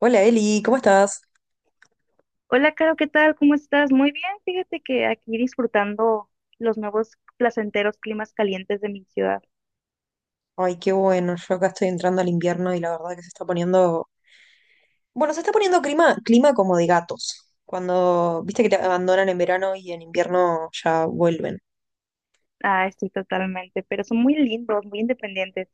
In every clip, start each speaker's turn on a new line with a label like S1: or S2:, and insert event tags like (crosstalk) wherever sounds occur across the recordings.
S1: Hola Eli, ¿cómo estás?
S2: Hola, Caro, ¿qué tal? ¿Cómo estás? Muy bien, fíjate que aquí disfrutando los nuevos placenteros climas calientes de mi ciudad.
S1: Ay, qué bueno, yo acá estoy entrando al invierno y la verdad que se está poniendo, bueno, se está poniendo clima, clima como de gatos, cuando, viste que te abandonan en verano y en invierno ya vuelven.
S2: Ah, estoy totalmente, pero son muy lindos, muy independientes.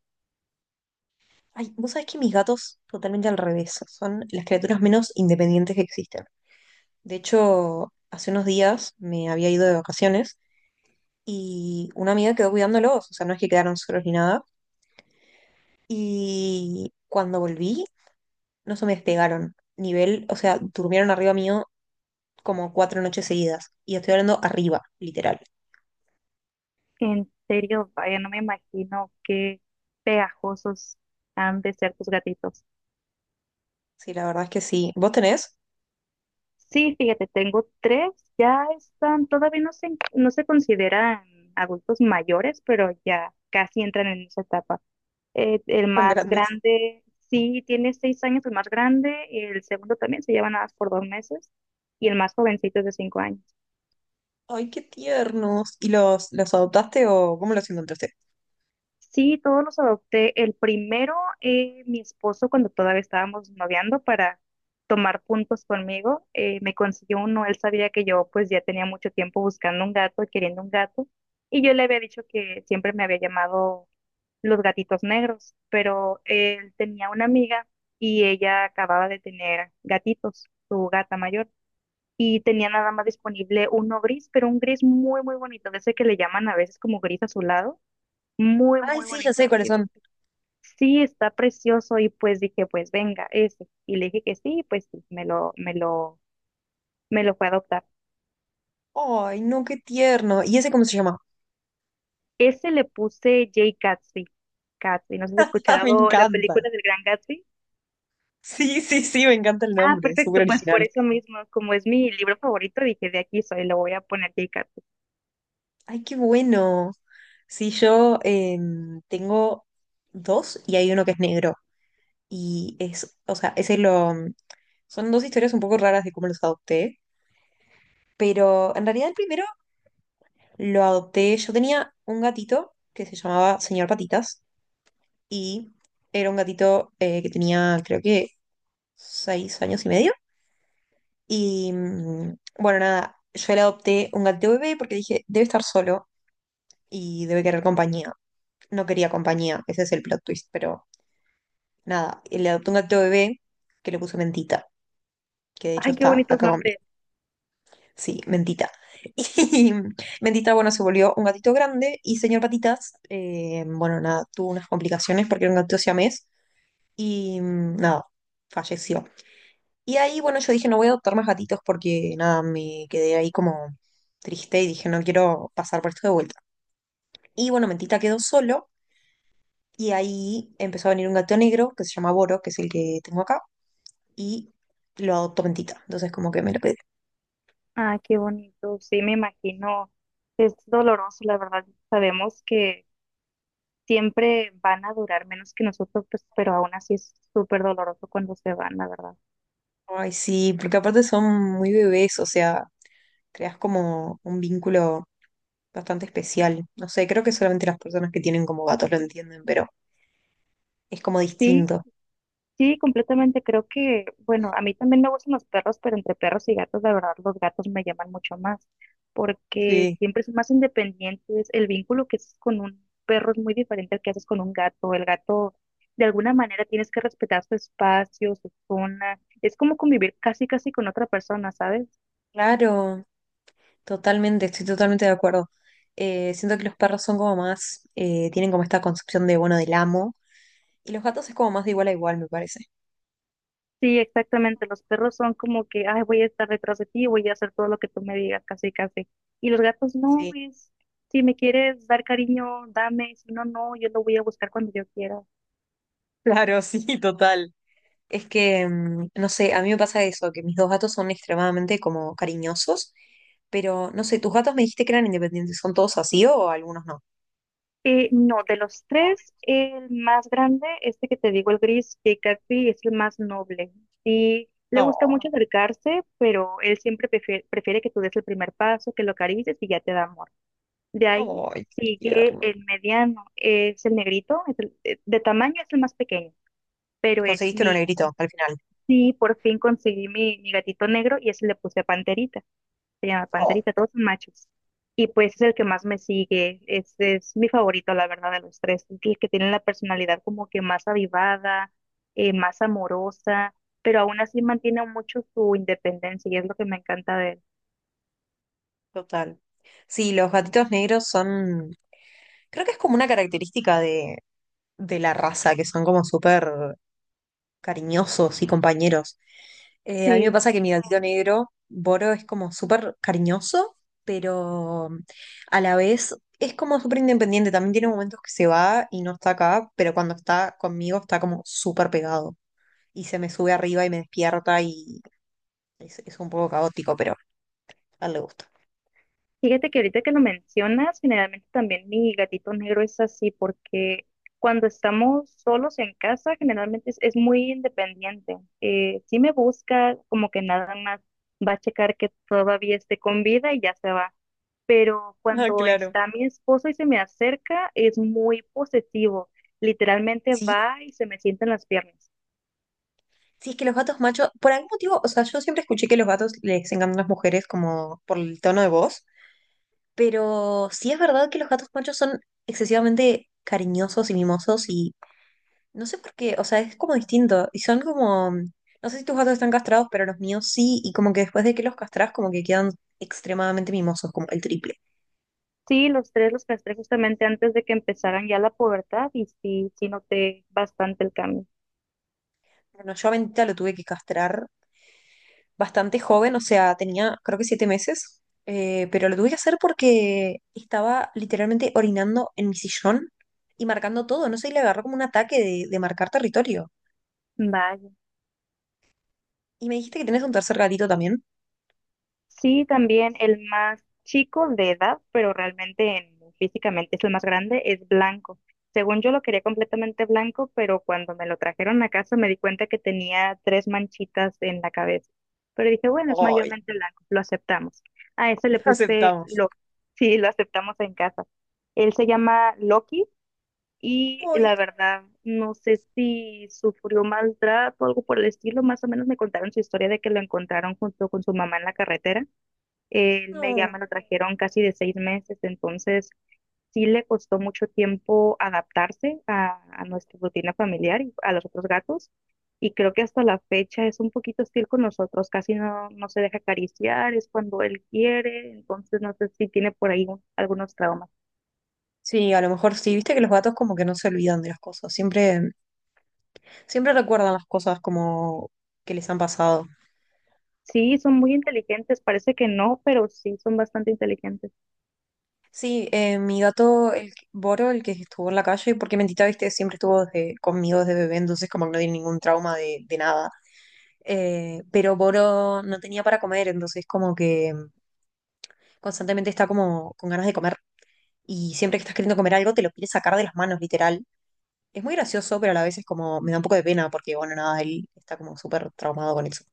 S1: Ay, vos sabés que mis gatos totalmente al revés, son las criaturas menos independientes que existen. De hecho, hace unos días me había ido de vacaciones y una amiga quedó cuidándolos, o sea, no es que quedaron solos ni nada. Y cuando volví, no se me despegaron. Nivel, o sea, durmieron arriba mío como 4 noches seguidas. Y estoy hablando arriba, literal.
S2: En serio, vaya, no me imagino qué pegajosos han de ser tus gatitos.
S1: Sí, la verdad es que sí. ¿Vos tenés?
S2: Sí, fíjate, tengo tres, ya están, todavía no se consideran adultos mayores, pero ya casi entran en esa etapa. El
S1: Son
S2: más
S1: grandes.
S2: grande, sí, tiene 6 años, el más grande, el segundo también se lleva nada más por 2 meses, y el más jovencito es de 5 años.
S1: Ay, qué tiernos. ¿Y los adoptaste o cómo los encontraste?
S2: Sí, todos los adopté. El primero, mi esposo, cuando todavía estábamos noviando para tomar puntos conmigo, me consiguió uno. Él sabía que yo pues ya tenía mucho tiempo buscando un gato, queriendo un gato, y yo le había dicho que siempre me había llamado los gatitos negros, pero él tenía una amiga y ella acababa de tener gatitos, su gata mayor, y tenía nada más disponible uno gris, pero un gris muy, muy bonito, de ese que le llaman a veces como gris azulado, muy,
S1: Ay,
S2: muy
S1: sí, ya
S2: bonito.
S1: sé cuáles
S2: Y dije,
S1: son.
S2: sí, está precioso, y pues dije, pues venga, ese. Y le dije que sí, pues sí, me lo fue a adoptar.
S1: Ay, no, qué tierno. ¿Y ese cómo se llama?
S2: Ese le puse Jay Gatsby, Gatsby, no sé si has
S1: (laughs) Ah, me
S2: escuchado la
S1: encanta.
S2: película del Gran Gatsby.
S1: Sí, sí, sí, me encanta el
S2: Ah,
S1: nombre, es súper
S2: perfecto, pues por
S1: original.
S2: eso mismo, como es mi libro favorito, dije de aquí soy, lo voy a poner Yeikatu.
S1: Ay, qué bueno. Sí, yo tengo dos y hay uno que es negro. O sea, son dos historias un poco raras de cómo los adopté, pero en realidad el primero lo adopté. Yo tenía un gatito que se llamaba Señor Patitas y era un gatito que tenía creo que 6 años y medio. Y bueno, nada, yo le adopté un gatito bebé porque dije, debe estar solo y debe querer compañía. No quería compañía, ese es el plot twist, pero nada, le adopté un gatito bebé que le puse Mentita, que de hecho
S2: Ay, qué
S1: está
S2: bonitos
S1: acá conmigo.
S2: nombres.
S1: Sí, Mentita. (laughs) Y Mentita, bueno, se volvió un gatito grande y Señor Patitas, bueno, nada, tuvo unas complicaciones porque era un gatito siamés y nada, falleció. Y ahí, bueno, yo dije, no voy a adoptar más gatitos porque nada, me quedé ahí como triste y dije, no quiero pasar por esto de vuelta. Y bueno, Mentita quedó solo y ahí empezó a venir un gato negro que se llama Boro, que es el que tengo acá, y lo adoptó Mentita. Entonces, como que me lo quedé.
S2: Ah, qué bonito. Sí, me imagino. Es doloroso, la verdad. Sabemos que siempre van a durar menos que nosotros, pues, pero aún así es súper doloroso cuando se van, la verdad.
S1: Ay, sí, porque aparte son muy bebés, o sea, creas como un vínculo bastante especial. No sé, creo que solamente las personas que tienen como gatos lo entienden, pero es como
S2: Sí,
S1: distinto.
S2: sí, completamente. Creo que, bueno, a mí también me gustan los perros, pero entre perros y gatos, la verdad, los gatos me llaman mucho más, porque
S1: Sí,
S2: siempre son más independientes. El vínculo que haces con un perro es muy diferente al que haces con un gato. El gato, de alguna manera, tienes que respetar su espacio, su zona. Es como convivir casi, casi con otra persona, ¿sabes?
S1: claro, totalmente, estoy totalmente de acuerdo. Siento que los perros son como más, tienen como esta concepción de, bueno, del amo, y los gatos es como más de igual a igual, me parece.
S2: Sí, exactamente. Los perros son como que, ay, voy a estar detrás de ti, voy a hacer todo lo que tú me digas, casi, casi. Y los gatos no,
S1: Sí.
S2: es, si me quieres dar cariño, dame, si no, no, yo lo voy a buscar cuando yo quiera.
S1: (laughs) Claro, sí, total. Es que, no sé, a mí me pasa eso, que mis dos gatos son extremadamente como cariñosos, pero no sé, tus gatos me dijiste que eran independientes, ¿son todos así o algunos no?
S2: No, de los tres, el más grande, este que te digo, el gris, que casi es el más noble. Sí, le
S1: No,
S2: gusta mucho acercarse, pero él siempre prefiere, prefiere que tú des el primer paso, que lo acaricies y ya te da amor. De ahí
S1: ay, qué
S2: sigue
S1: tierno.
S2: el mediano, es el negrito, de tamaño es el más pequeño. Pero ese es
S1: Conseguiste uno
S2: mi,
S1: negrito al final.
S2: sí, por fin conseguí mi gatito negro y ese le puse Panterita, se llama
S1: Oh,
S2: Panterita, todos son machos. Y pues es el que más me sigue, este es mi favorito, la verdad, de los tres, es el que tiene la personalidad como que más avivada, más amorosa, pero aún así mantiene mucho su independencia y es lo que me encanta de él.
S1: total. Sí, los gatitos negros son, creo que es como una característica de la raza, que son como súper cariñosos y compañeros. A mí me
S2: Sí.
S1: pasa que mi gatito negro, Boro, es como súper cariñoso, pero a la vez es como súper independiente. También tiene momentos que se va y no está acá, pero cuando está conmigo está como súper pegado y se me sube arriba y me despierta y es un poco caótico, pero a él le gusta.
S2: Fíjate que ahorita que lo mencionas, generalmente también mi gatito negro es así, porque cuando estamos solos en casa, generalmente es muy independiente. Sí me busca, como que nada más va a checar que todavía esté con vida y ya se va. Pero
S1: Ah,
S2: cuando
S1: claro.
S2: está mi esposo y se me acerca, es muy posesivo. Literalmente
S1: Sí,
S2: va y se me sienta en las piernas.
S1: sí, es que los gatos machos, por algún motivo, o sea, yo siempre escuché que los gatos les encantan las mujeres como por el tono de voz, pero sí es verdad que los gatos machos son excesivamente cariñosos y mimosos y no sé por qué, o sea, es como distinto. Y son como, no sé si tus gatos están castrados, pero los míos sí, y como que después de que los castras, como que quedan extremadamente mimosos, como el triple.
S2: Sí, los tres los castré justamente antes de que empezaran ya la pubertad y sí, sí noté bastante el cambio.
S1: Bueno, yo a Bendita lo tuve que castrar bastante joven, o sea, tenía creo que 7 meses, pero lo tuve que hacer porque estaba literalmente orinando en mi sillón y marcando todo, no sé, y le agarró como un ataque de marcar territorio.
S2: Vaya.
S1: Y me dijiste que tenés un tercer gatito también.
S2: Sí, también el más chico de edad, pero realmente físicamente es el más grande, es blanco. Según yo lo quería completamente blanco, pero cuando me lo trajeron a casa me di cuenta que tenía tres manchitas en la cabeza. Pero dije, bueno, es
S1: Ay,
S2: mayormente blanco, lo aceptamos. A ese le
S1: (laughs)
S2: puse
S1: aceptamos.
S2: lo, (laughs) sí, lo aceptamos en casa. Él se llama Loki y
S1: Ay,
S2: la verdad no sé si sufrió maltrato o algo por el estilo. Más o menos me contaron su historia de que lo encontraron junto con su mamá en la carretera él me ya
S1: no.
S2: me lo trajeron casi de 6 meses, entonces sí le costó mucho tiempo adaptarse a nuestra rutina familiar y a los otros gatos. Y creo que hasta la fecha es un poquito hostil con nosotros, casi no, no se deja acariciar, es cuando él quiere, entonces no sé si tiene por ahí algunos traumas.
S1: Sí, a lo mejor sí, viste que los gatos como que no se olvidan de las cosas, siempre, siempre recuerdan las cosas como que les han pasado.
S2: Sí, son muy inteligentes, parece que no, pero sí son bastante inteligentes.
S1: Sí, mi gato, Boro, el que estuvo en la calle, porque Mentita, viste, siempre estuvo conmigo desde bebé, entonces como que no tiene ningún trauma de nada. Pero Boro no tenía para comer, entonces como que constantemente está como con ganas de comer y siempre que estás queriendo comer algo te lo quieres sacar de las manos, literal. Es muy gracioso, pero a la vez es como, me da un poco de pena porque, bueno, nada, él está como súper traumado con eso.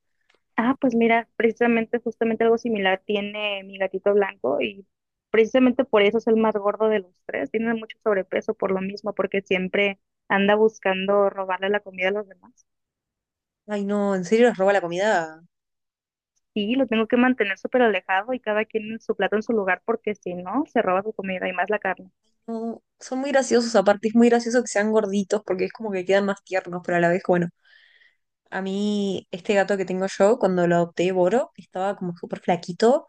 S2: Ah, pues mira, precisamente, justamente algo similar tiene mi gatito blanco y precisamente por eso es el más gordo de los tres. Tiene mucho sobrepeso por lo mismo, porque siempre anda buscando robarle la comida a los demás.
S1: Ay, no, en serio les roba la comida.
S2: Y lo tengo que mantener súper alejado y cada quien en su plato en su lugar, porque si no, se roba su comida y más la carne.
S1: No, son muy graciosos, aparte es muy gracioso que sean gorditos porque es como que quedan más tiernos, pero a la vez, bueno, a mí este gato que tengo yo, cuando lo adopté, Boro, estaba como súper flaquito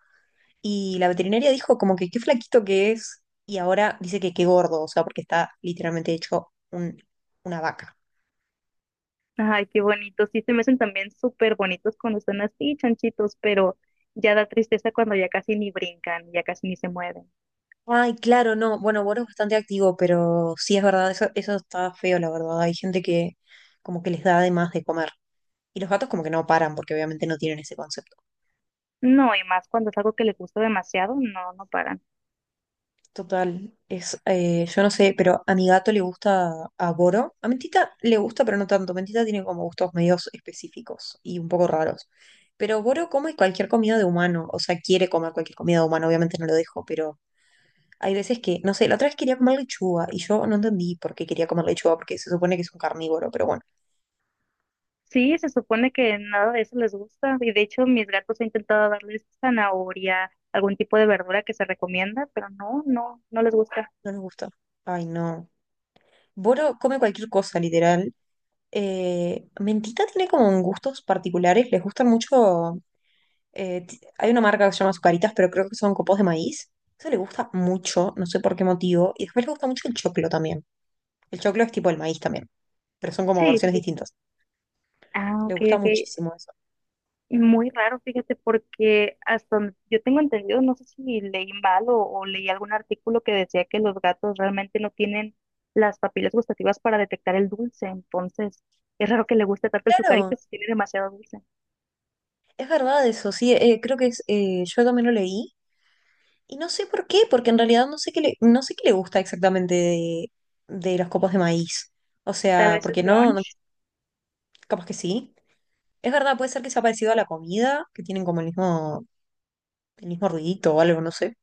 S1: y la veterinaria dijo como que qué flaquito que es y ahora dice que qué gordo, o sea, porque está literalmente hecho una vaca.
S2: Ay, qué bonito. Sí, se me hacen también súper bonitos cuando están así, chanchitos, pero ya da tristeza cuando ya casi ni brincan, ya casi ni se mueven.
S1: Ay, claro, no, bueno, Boro es bastante activo, pero sí es verdad, eso está feo, la verdad. Hay gente que como que les da de más de comer. Y los gatos como que no paran porque obviamente no tienen ese concepto.
S2: No, y más cuando es algo que les gusta demasiado, no, no paran.
S1: Total, yo no sé, pero a mi gato le gusta a Boro. A Mentita le gusta, pero no tanto. Mentita tiene como gustos medios específicos y un poco raros. Pero Boro come cualquier comida de humano, o sea, quiere comer cualquier comida de humano, obviamente no lo dejo, pero hay veces que, no sé, la otra vez quería comer lechuga y yo no entendí por qué quería comer lechuga, porque se supone que es un carnívoro, pero bueno,
S2: Sí, se supone que nada de eso les gusta y de hecho mis gatos he intentado darles zanahoria, algún tipo de verdura que se recomienda, pero no, no, no les gusta.
S1: no nos gusta. Ay, no. Boro come cualquier cosa, literal. Mentita tiene como gustos particulares, les gustan mucho. Hay una marca que se llama Azucaritas, pero creo que son copos de maíz. Eso le gusta mucho, no sé por qué motivo. Y después le gusta mucho el choclo también. El choclo es tipo el maíz también, pero son como
S2: Sí, sí,
S1: versiones
S2: sí.
S1: distintas.
S2: Ah,
S1: Le
S2: ok,
S1: gusta
S2: ok.
S1: muchísimo eso.
S2: Muy raro, fíjate, porque hasta donde yo tengo entendido, no sé si leí mal o leí algún artículo que decía que los gatos realmente no tienen las papilas gustativas para detectar el dulce, entonces es raro que le guste tanto el
S1: Claro,
S2: sucarito si tiene demasiado dulce.
S1: es verdad eso, sí, creo que yo también lo leí. Y no sé por qué, porque en realidad no sé qué le, no sé qué le gusta exactamente de los copos de maíz. O
S2: Tal
S1: sea,
S2: vez el
S1: porque no, no,
S2: crunch.
S1: capaz que sí. Es verdad, puede ser que sea parecido a la comida, que tienen como el mismo ruidito o algo, no sé.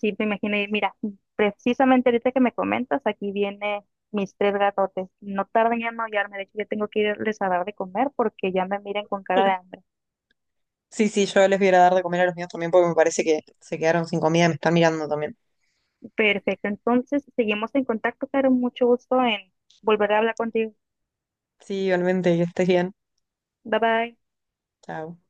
S2: Sí, me imaginé. Mira, precisamente ahorita que me comentas, aquí viene mis tres gatotes. No tardan en maullarme. De hecho, ya tengo que irles a dar de comer porque ya me miran con cara de hambre.
S1: Sí, sí, yo les voy a ir a dar de comer a los míos también porque me parece que se quedaron sin comida y me están mirando también.
S2: Perfecto. Entonces, seguimos en contacto, Caro. Mucho gusto en volver a hablar contigo.
S1: Sí, igualmente, que estés bien.
S2: Bye bye.
S1: Chao.